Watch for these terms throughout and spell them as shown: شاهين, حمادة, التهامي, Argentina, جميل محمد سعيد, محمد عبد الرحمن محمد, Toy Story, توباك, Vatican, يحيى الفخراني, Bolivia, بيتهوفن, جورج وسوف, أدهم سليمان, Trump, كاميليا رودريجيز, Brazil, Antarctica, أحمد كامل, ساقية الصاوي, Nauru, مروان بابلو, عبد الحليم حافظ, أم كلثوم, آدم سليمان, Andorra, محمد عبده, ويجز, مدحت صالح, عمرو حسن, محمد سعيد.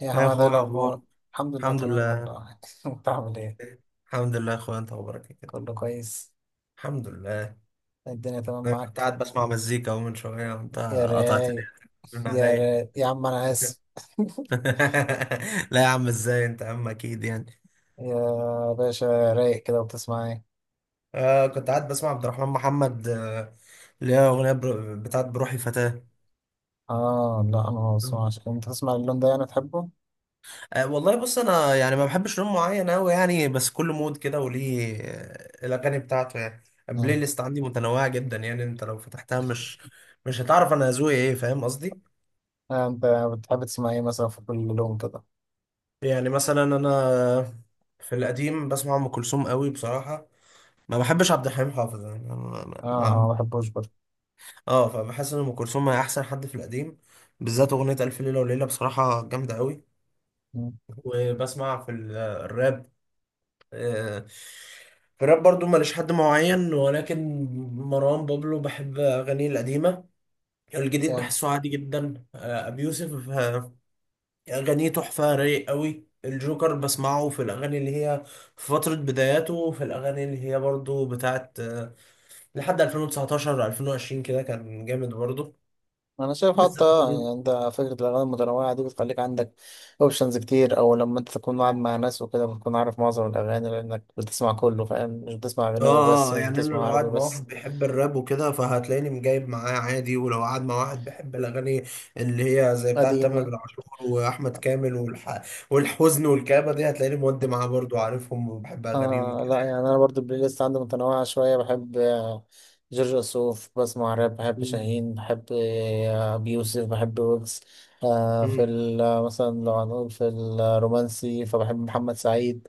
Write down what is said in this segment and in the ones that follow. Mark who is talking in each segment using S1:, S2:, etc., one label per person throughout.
S1: يا
S2: يا
S1: حمادة، ايه
S2: اخويا،
S1: الأخبار؟
S2: اخبارك.
S1: الحمد لله،
S2: الحمد
S1: تمام
S2: لله.
S1: والله. انت عامل ايه؟
S2: الحمد لله يا اخويا، انت اخبارك إيه كده؟
S1: كله كويس،
S2: الحمد لله.
S1: الدنيا تمام
S2: انا كنت
S1: معاك.
S2: قاعد بسمع مزيكا اهو من شويه، وانت
S1: يا
S2: قطعت
S1: رايق،
S2: التليفون
S1: يا
S2: عليا.
S1: رايق يا عم، أنا آسف.
S2: لا يا عم، ازاي؟ انت يا عم اكيد يعني.
S1: يا باشا، رايق كده وبتسمع ايه؟
S2: كنت قاعد بسمع عبد الرحمن محمد، اللي هي اغنيه بتاعت بروحي فتاه.
S1: اه لا، أنا ما
S2: مم.
S1: بسمعش. انت تسمع اللون ده، يعني تحبه؟
S2: والله بص، انا يعني ما بحبش لون معين قوي يعني، بس كل مود كده وليه، الاغاني بتاعته يعني. البلاي
S1: آه.
S2: ليست عندي متنوعه جدا يعني، انت لو فتحتها مش هتعرف انا ذوقي ايه. فاهم قصدي؟
S1: آه، انت بتحب تسمع ايه مثلا في كل لون كده؟
S2: يعني مثلا، انا في القديم بسمع ام كلثوم قوي بصراحه. ما بحبش عبد الحليم حافظ يعني. أنا ما
S1: اه ما
S2: ما-
S1: بحبوش برضه.
S2: اه، فبحس ان ام كلثوم هي احسن حد في القديم، بالذات اغنيه الف ليله وليله بصراحه جامده قوي.
S1: مم.
S2: وبسمع في الراب. آه، في الراب برضو ماليش حد معين، ولكن مروان بابلو بحب اغانيه القديمه. الجديد
S1: كام؟
S2: بحسه عادي جدا. ابي يوسف، أغانيه تحفة، رايق قوي. الجوكر بسمعه في الأغاني اللي هي في فترة بداياته، وفي الأغاني اللي هي برضو بتاعت، لحد 2019 2020 كده كان جامد برضو.
S1: انا شايف حتى،
S2: بالذات الأغنية-
S1: يعني انت فكره الاغاني المتنوعه دي بتخليك عندك اوبشنز كتير، او لما انت تكون قاعد مع ناس وكده، بتكون عارف معظم الاغاني لانك بتسمع كله، فاهم؟ مش بتسمع
S2: اه،
S1: اجنبي بس، مش
S2: يعني أنا
S1: بتسمع
S2: لو
S1: عربي
S2: قاعد مع واحد
S1: بس.
S2: بيحب الراب وكده، فهتلاقيني مجايب معاه عادي. ولو قاعد مع واحد بيحب الأغاني اللي هي زي بتاعت تامر
S1: قديمه.
S2: عاشور وأحمد كامل والحزن والكآبة دي، هتلاقيني مودي معاه برضو، عارفهم وبحب أغانيهم
S1: آه
S2: كده.
S1: لا، يعني انا برضو البلاي ليست عندي متنوعه شويه. بحب جورج وسوف، بسمع راب، بحب
S2: مم.
S1: شاهين، بحب ابي يوسف، بحب ويجز. آه في
S2: مم.
S1: ال- آه، مثلا لو هنقول في الرومانسي، فبحب محمد سعيد.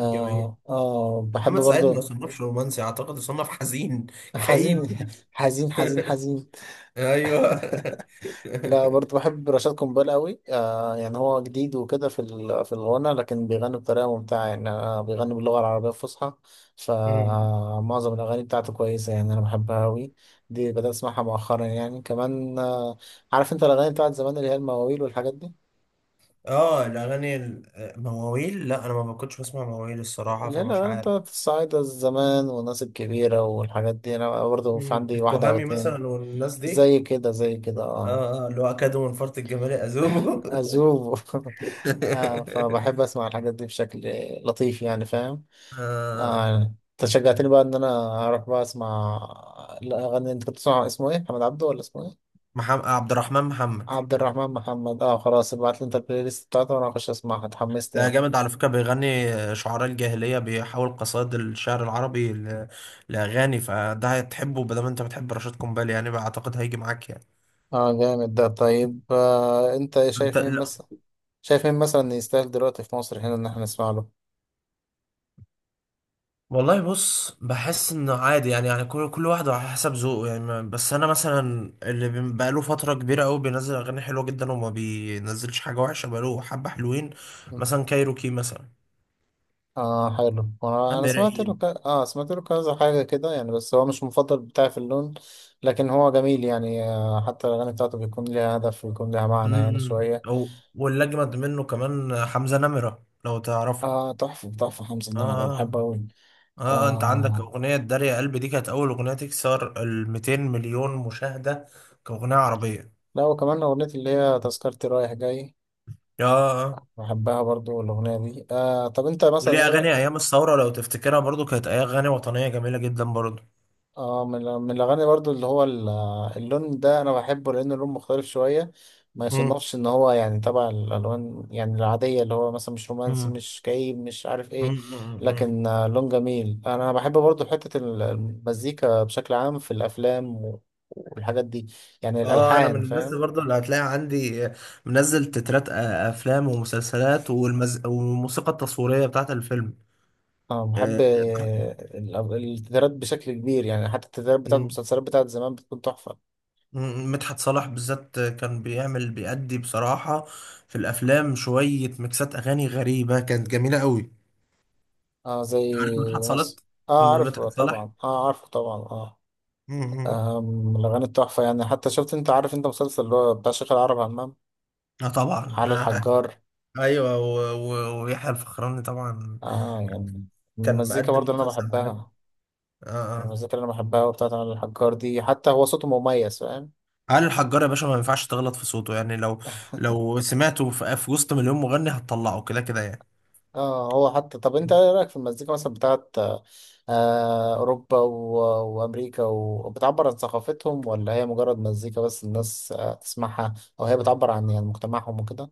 S2: جميل.
S1: آه بحب
S2: محمد سعيد ما
S1: برضو.
S2: يصنفش رومانسي، اعتقد يصنف حزين،
S1: حزين
S2: كئيب.
S1: حزين حزين. حزين.
S2: ايوه.
S1: لا برضه، بحب رشاد قنبال قوي. آه، يعني هو جديد وكده في الغنى، لكن بيغني بطريقه ممتعه. يعني أنا، بيغني باللغه العربيه الفصحى،
S2: مم.
S1: فمعظم الاغاني بتاعته كويسه، يعني انا بحبها قوي. دي بدات اسمعها مؤخرا يعني، كمان آه، عارف انت الاغاني بتاعت زمان، اللي هي المواويل والحاجات دي؟
S2: اه، الاغاني مواويل، لا انا ما كنتش بسمع مواويل الصراحه،
S1: اللي هي
S2: فمش
S1: الاغاني
S2: عارف.
S1: بتاعت الصعايده زمان، والناس الكبيره والحاجات دي، انا برضه في
S2: مم.
S1: عندي واحده او
S2: التهامي
S1: اتنين.
S2: مثلا والناس دي.
S1: زي كده، زي كده، اه.
S2: اه اه، اللي هو اكادوا من فرط الجمال اذوبه.
S1: أذوب. آه، فبحب أسمع الحاجات دي بشكل لطيف، يعني فاهم.
S2: آه.
S1: آه، أنت شجعتني بقى إن أنا أروح بقى أسمع الأغاني. أنت كنت بتسمع اسمه إيه؟ محمد عبده ولا اسمه إيه؟
S2: محمد عبد الرحمن محمد.
S1: عبد الرحمن محمد، أه خلاص. ابعت لي أنت البلاي ليست بتاعته، وأنا هخش أسمعها، اتحمست
S2: ده
S1: يعني.
S2: جامد على فكرة، بيغني شعراء الجاهلية، بيحاول قصائد الشعر العربي لأغاني. فده هتحبه بدل ما انت بتحب رشاد قنبلي يعني، أعتقد هيجي معاك يعني.
S1: أه، جامد ده. طيب آه، أنت
S2: انت
S1: شايف مين
S2: لا.
S1: مثلا؟ شايف مين مثلا يستاهل دلوقتي في مصر هنا، إن إحنا نسمع له؟
S2: والله بص، بحس انه عادي يعني، يعني كل واحد على حسب ذوقه يعني. بس انا مثلا اللي بقاله فتره كبيره قوي بينزل اغاني حلوه جدا، وما بينزلش حاجه وحشه، بقاله حبه حلوين. مثلا كايروكي مثلا.
S1: اه، حلو. وانا
S2: امير
S1: سمعت له
S2: عيد.
S1: ك... اه سمعت له كذا حاجه كده، يعني بس هو مش المفضل بتاعي في اللون. لكن هو جميل يعني، آه، حتى الاغاني بتاعته بيكون ليها هدف، ويكون ليها معنى يعني شويه.
S2: او واللي اجمد منه كمان حمزه نمره لو تعرفه.
S1: اه، تحفه تحفه. حمزه النمر أنا
S2: اه
S1: بحبه قوي.
S2: اه، انت عندك
S1: آه
S2: اغنية داريا يا قلبي؟ دي كانت اول اغنية تكسر ال 200 مليون مشاهدة كاغنية عربية.
S1: لا، وكمان اغنيه اللي هي تذكرتي رايح جاي،
S2: اه آه.
S1: بحبها برضو الاغنيه دي. آه، طب انت مثلا
S2: وليه
S1: ايه؟
S2: اغاني ايام الثورة لو تفتكرها، برضو كانت اغاني وطنية جميلة جدا برضو.
S1: اه، من من الاغاني برضو اللي هو اللون ده، انا بحبه لان اللون مختلف شويه، ما
S2: مم.
S1: يصنفش ان هو يعني تبع الالوان يعني العاديه، اللي هو مثلا مش رومانسي،
S2: مم.
S1: مش كئيب، مش عارف
S2: مم.
S1: ايه.
S2: مم. مم.
S1: لكن آه، لون جميل. انا بحب برضو حته المزيكا بشكل عام في الافلام والحاجات دي، يعني
S2: اه، انا من
S1: الالحان،
S2: الناس اللي
S1: فاهم.
S2: برضو اللي هتلاقي عندي منزل تترات افلام ومسلسلات والموسيقى التصويرية بتاعت الفيلم.
S1: اه، بحب التترات بشكل كبير، يعني حتى التترات بتاعت
S2: آه.
S1: المسلسلات بتاعت زمان بتكون تحفه.
S2: مم، مدحت صالح بالذات كان بيعمل بيأدي بصراحة في الأفلام شوية ميكسات أغاني غريبة، كانت جميلة قوي.
S1: اه، زي
S2: عارف مدحت صالح؟
S1: مثلا، اه عارفه
S2: مدحت صالح.
S1: طبعا، اه عارفه طبعا، اه.
S2: مم.
S1: أم، من الأغاني التحفة يعني، حتى شفت، أنت عارف أنت مسلسل اللي هو بتاع شيخ العرب عمام؟
S2: اه طبعا.
S1: علي
S2: آه.
S1: الحجار،
S2: ايوه ويحيى الفخراني طبعا.
S1: آه، يعني من
S2: كان
S1: المزيكا
S2: مقدم
S1: برضه اللي أنا
S2: مسلسل عالمي.
S1: بحبها.
S2: اه
S1: من
S2: اه.
S1: المزيكا اللي أنا بحبها، وبتاعت علي الحجار دي، حتى هو صوته مميز، فاهم.
S2: علي الحجار يا باشا، ما ينفعش تغلط في صوته يعني. لو سمعته في وسط مليون مغني هتطلعه كده كده يعني.
S1: اه، هو حتى. طب أنت إيه رأيك في المزيكا مثلا بتاعت آه أوروبا وأمريكا وبتعبر عن ثقافتهم، ولا هي مجرد مزيكا بس الناس آه تسمعها؟ أو هي بتعبر عن يعني مجتمعهم وكده؟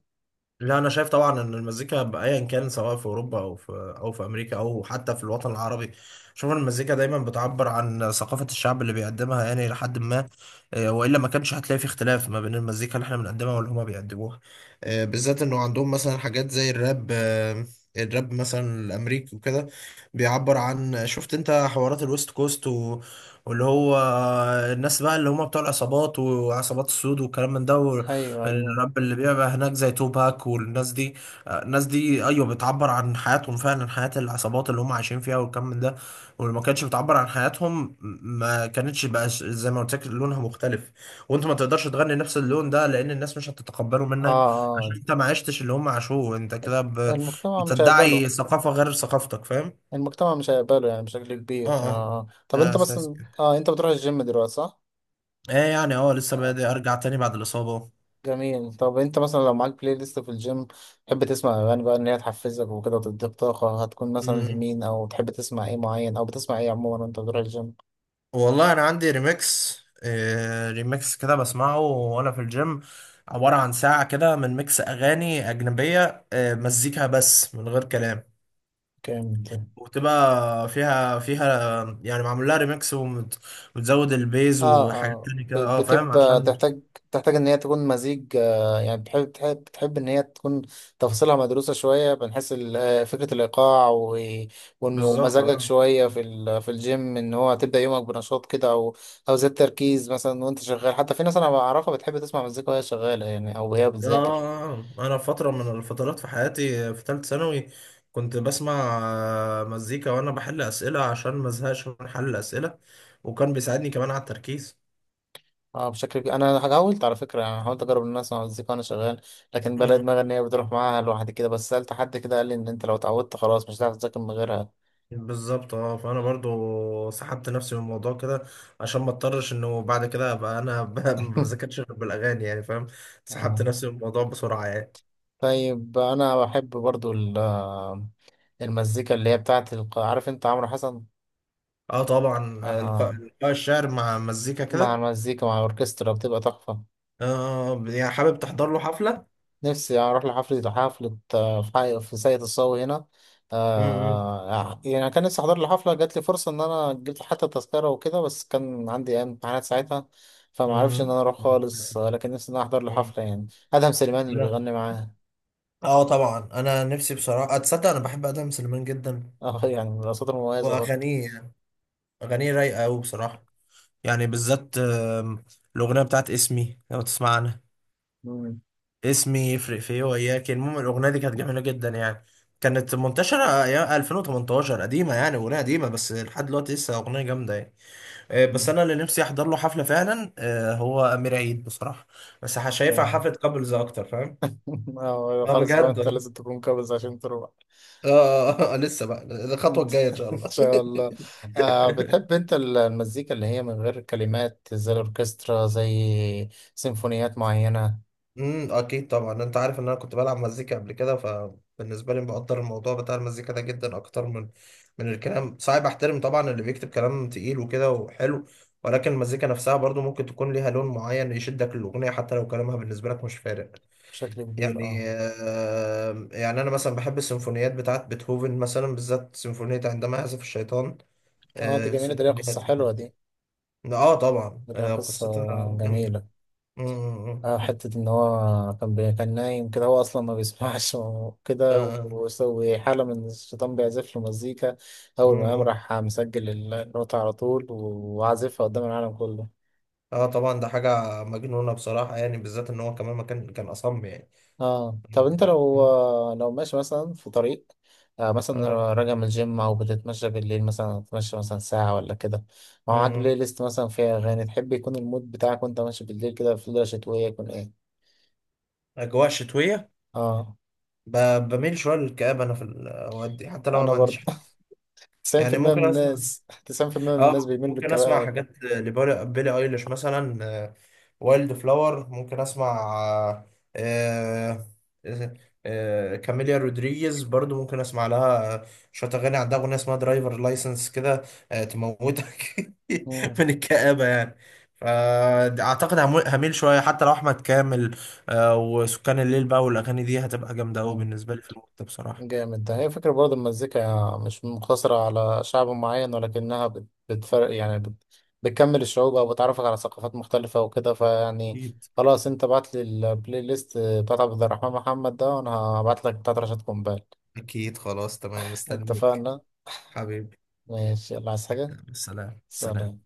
S2: لا انا شايف طبعا ان المزيكا ايا كان، سواء في اوروبا او في امريكا او حتى في الوطن العربي. شوف إن المزيكا دايما بتعبر عن ثقافة الشعب اللي بيقدمها يعني الى حد ما. والا ما كانش هتلاقي في اختلاف ما بين المزيكا اللي احنا بنقدمها واللي هما بيقدموها. بالذات انه عندهم مثلا حاجات زي الراب. الراب مثلا الامريكي وكده بيعبر عن، شفت انت حوارات الويست كوست و... واللي هو الناس بقى اللي هم بتوع العصابات وعصابات السود والكلام من ده.
S1: أيوه أيوه.
S2: الراب اللي بيبقى هناك زي توباك والناس دي، الناس دي ايوه، بتعبر عن حياتهم فعلا، حياة العصابات اللي هم عايشين فيها والكم من ده. ولما كانتش بتعبر عن حياتهم، ما كانتش بقى زي ما قلت لك لونها مختلف. وانت ما تقدرش تغني نفس اللون ده، لان الناس مش هتتقبله
S1: اه
S2: منك، عشان
S1: اه.
S2: انت ما عشتش اللي هم عاشوه. انت كده
S1: المجتمع مش هيقبله.
S2: بتدعي ثقافة غير ثقافتك. فاهم؟
S1: المجتمع مش هيقبله يعني بشكل
S2: اه
S1: كبير.
S2: اه،
S1: آه. طب
S2: ده
S1: انت
S2: اساس
S1: مثلا،
S2: كده.
S1: اه انت بتروح الجيم دلوقتي صح؟
S2: ايه يعني، اه لسه
S1: آه.
S2: بادئ ارجع تاني بعد الإصابة.
S1: جميل. طب انت مثلا لو معاك بلاي ليست في الجيم، تحب تسمع اغاني بقى ان هي تحفزك وكده وتديك طاقة؟ هتكون مثلا لمين؟ او تحب تسمع ايه معين، او بتسمع ايه عموما وانت بتروح الجيم؟
S2: والله انا عندي ريميكس، ريميكس كده بسمعه وانا في الجيم. عبارة عن ساعة كده من ميكس اغاني اجنبية، مزيكا بس من غير كلام.
S1: جامد.
S2: وتبقى فيها يعني معمول لها ريميكس ومتزود البيز
S1: اه
S2: وحاجات
S1: اه،
S2: تانية كده. اه، فاهم؟
S1: بتبقى
S2: عشان
S1: تحتاج. تحتاج ان هي تكون مزيج. آه يعني، بتحب ان هي تكون تفاصيلها مدروسة شوية، بنحس فكرة الايقاع
S2: بالظبط
S1: ومزاجك
S2: اه.
S1: شوية في الجيم، ان هو تبدأ يومك بنشاط كده، او او زاد تركيز مثلا وانت شغال. حتى في ناس انا بعرفها بتحب تسمع مزيكا وهي شغالة يعني، او وهي بتذاكر.
S2: انا فترة من الفترات في حياتي في ثالث ثانوي كنت بسمع، مزيكا وانا بحل اسئلة، عشان مزهقش من حل الاسئلة، وكان بيساعدني كمان على التركيز.
S1: اه بشكل كبير. انا حاولت على فكرة يعني، حاولت اجرب ان انا اسمع مزيكا وانا شغال، لكن بلاقي دماغي ان هي بتروح معاها لوحدي كده. بس سألت حد كده، قال لي ان انت لو اتعودت خلاص، مش هتعرف تذاكر من غيرها.
S2: بالظبط. اه، فانا برضو سحبت نفسي من الموضوع كده، عشان ما اضطرش انه بعد كده ابقى انا ما بذاكرش غير بالاغاني يعني. فاهم؟
S1: آه.
S2: سحبت نفسي من الموضوع بسرعه يعني.
S1: طيب انا بحب برضو المزيكا اللي هي بتاعت عارف انت عمرو حسن؟
S2: اه طبعا.
S1: آه.
S2: إلقاء الشعر مع مزيكا
S1: مع
S2: كده.
S1: المزيكا، مع الاوركسترا، بتبقى تحفة.
S2: يعني حابب تحضر له حفله.
S1: نفسي اروح لحفلة، حفلة آه، في في ساقية الصاوي هنا.
S2: امم،
S1: آه. يعني كان نفسي احضر لحفلة، جات لي فرصة ان انا جبت حتى تذكرة وكده، بس كان عندي أيام امتحانات ساعتها، فما عرفش ان
S2: امم،
S1: انا اروح خالص. آه، لكن نفسي ان انا احضر
S2: أمم.
S1: لحفلة يعني، ادهم سليمان اللي
S2: لا.
S1: بيغني معاه.
S2: اه طبعا، انا نفسي بصراحه، اتصدق انا بحب ادم سليمان جدا،
S1: اه يعني، من الاصوات المميزة برضه.
S2: واغانيه يعني. اغانيه رايقه قوي بصراحه، يعني بالذات الاغنيه بتاعت اسمي، لو تسمع عنها.
S1: مم.
S2: اسمي يفرق في ايه وياك. المهم الاغنيه دي كانت جميله جدا يعني، كانت منتشره ايام 2018. قديمه يعني، اغنيه قديمه، بس لحد دلوقتي لسه اغنيه جامده يعني. بس
S1: مم.
S2: انا اللي نفسي احضر له حفله فعلا، هو امير عيد بصراحه. بس
S1: اوكي.
S2: شايفها حفله كابلز اكتر. فاهم؟
S1: آه،
S2: اه
S1: خلاص بقى،
S2: بجد
S1: انت
S2: والله.
S1: لازم تكون كابز عشان تروح.
S2: اه، لسه بقى الخطوه
S1: ان
S2: الجايه ان شاء الله.
S1: شاء الله. آه، بتحب انت المزيكا اللي هي من غير كلمات، زي الاوركسترا، زي سيمفونيات معينة؟
S2: اكيد طبعا. انت عارف ان انا كنت بلعب مزيكا قبل كده، فبالنسبه لي بقدر الموضوع بتاع المزيكا ده جدا اكتر من الكلام. صعب احترم طبعا اللي بيكتب كلام تقيل وكده وحلو، ولكن المزيكا نفسها برضو ممكن تكون ليها لون معين يشدك للاغنيه، حتى لو كلامها بالنسبه لك مش فارق.
S1: بشكل كبير
S2: يعني
S1: اه
S2: يعني انا مثلا بحب السيمفونيات بتاعت بيتهوفن، مثلا بالذات سيمفونيه عندما يعزف الشيطان.
S1: اه. دي جميلة، دي ليها
S2: سيمفونيه
S1: قصة
S2: تقيلة.
S1: حلوة دي.
S2: اه طبعا،
S1: دي ليها
S2: آه
S1: قصة
S2: قصتها جامده.
S1: جميلة.
S2: امم، امم.
S1: اه، حتة ان هو كان كان نايم كده، هو اصلا ما بيسمعش، وكده،
S2: امم،
S1: وسوي حالة من الشيطان بيعزف له مزيكا. اول ما
S2: امم،
S1: قام،
S2: امم.
S1: راح مسجل النوتة على طول، وعازفها قدام العالم كله.
S2: اه طبعا، ده حاجة مجنونة بصراحة يعني، بالذات ان هو كمان ما كان اصم يعني.
S1: اه. طب انت لو، لو ماشي مثلا في طريق، آه مثلا
S2: اه.
S1: راجع من الجيم، او بتتمشى بالليل مثلا، تتمشى مثلا ساعة ولا كده، ومعاك بلاي
S2: امم.
S1: ليست مثلا فيها اغاني، تحب يكون المود بتاعك وانت ماشي بالليل كده في ليلة شتوية، يكون ايه؟
S2: اجواء شتوية.
S1: اه
S2: بميل شوية للكآبة، انا في الاوقات دي حتى لو أنا
S1: انا
S2: ما عنديش
S1: برضه.
S2: حاجة. يعني
S1: 90% من
S2: ممكن اسمع،
S1: الناس، 90% من الناس
S2: اه
S1: بيميلوا
S2: ممكن اسمع
S1: للكباب.
S2: حاجات لبيلي ايليش مثلا. وايلد فلاور ممكن اسمع. آه، كاميليا رودريجيز برضو ممكن اسمع لها. شويه اغاني، عندها اغنيه اسمها درايفر لايسنس كده، تموتك
S1: مم،
S2: من الكآبه يعني. فاعتقد هميل شويه، حتى لو احمد كامل، وسكان الليل بقى. والاغاني دي هتبقى جامده قوي
S1: مم.
S2: بالنسبه لي في الوقت ده بصراحه.
S1: جامد ده. هي فكرة برضه، المزيكا مش مقتصرة على شعب معين، ولكنها بتفرق يعني، بتكمل الشعوب، أو بتعرفك على ثقافات مختلفة وكده، فيعني.
S2: أكيد.
S1: خلاص، أنت بعت لي البلاي ليست بتاعت عبد الرحمن محمد ده، وأنا هبعت لك بتاعت رشاد قنبال.
S2: اكيد، خلاص تمام، مستنيك.
S1: اتفقنا.
S2: حبيبي.
S1: ماشي، يلا عايز حاجة؟
S2: سلام، سلام.
S1: سلام.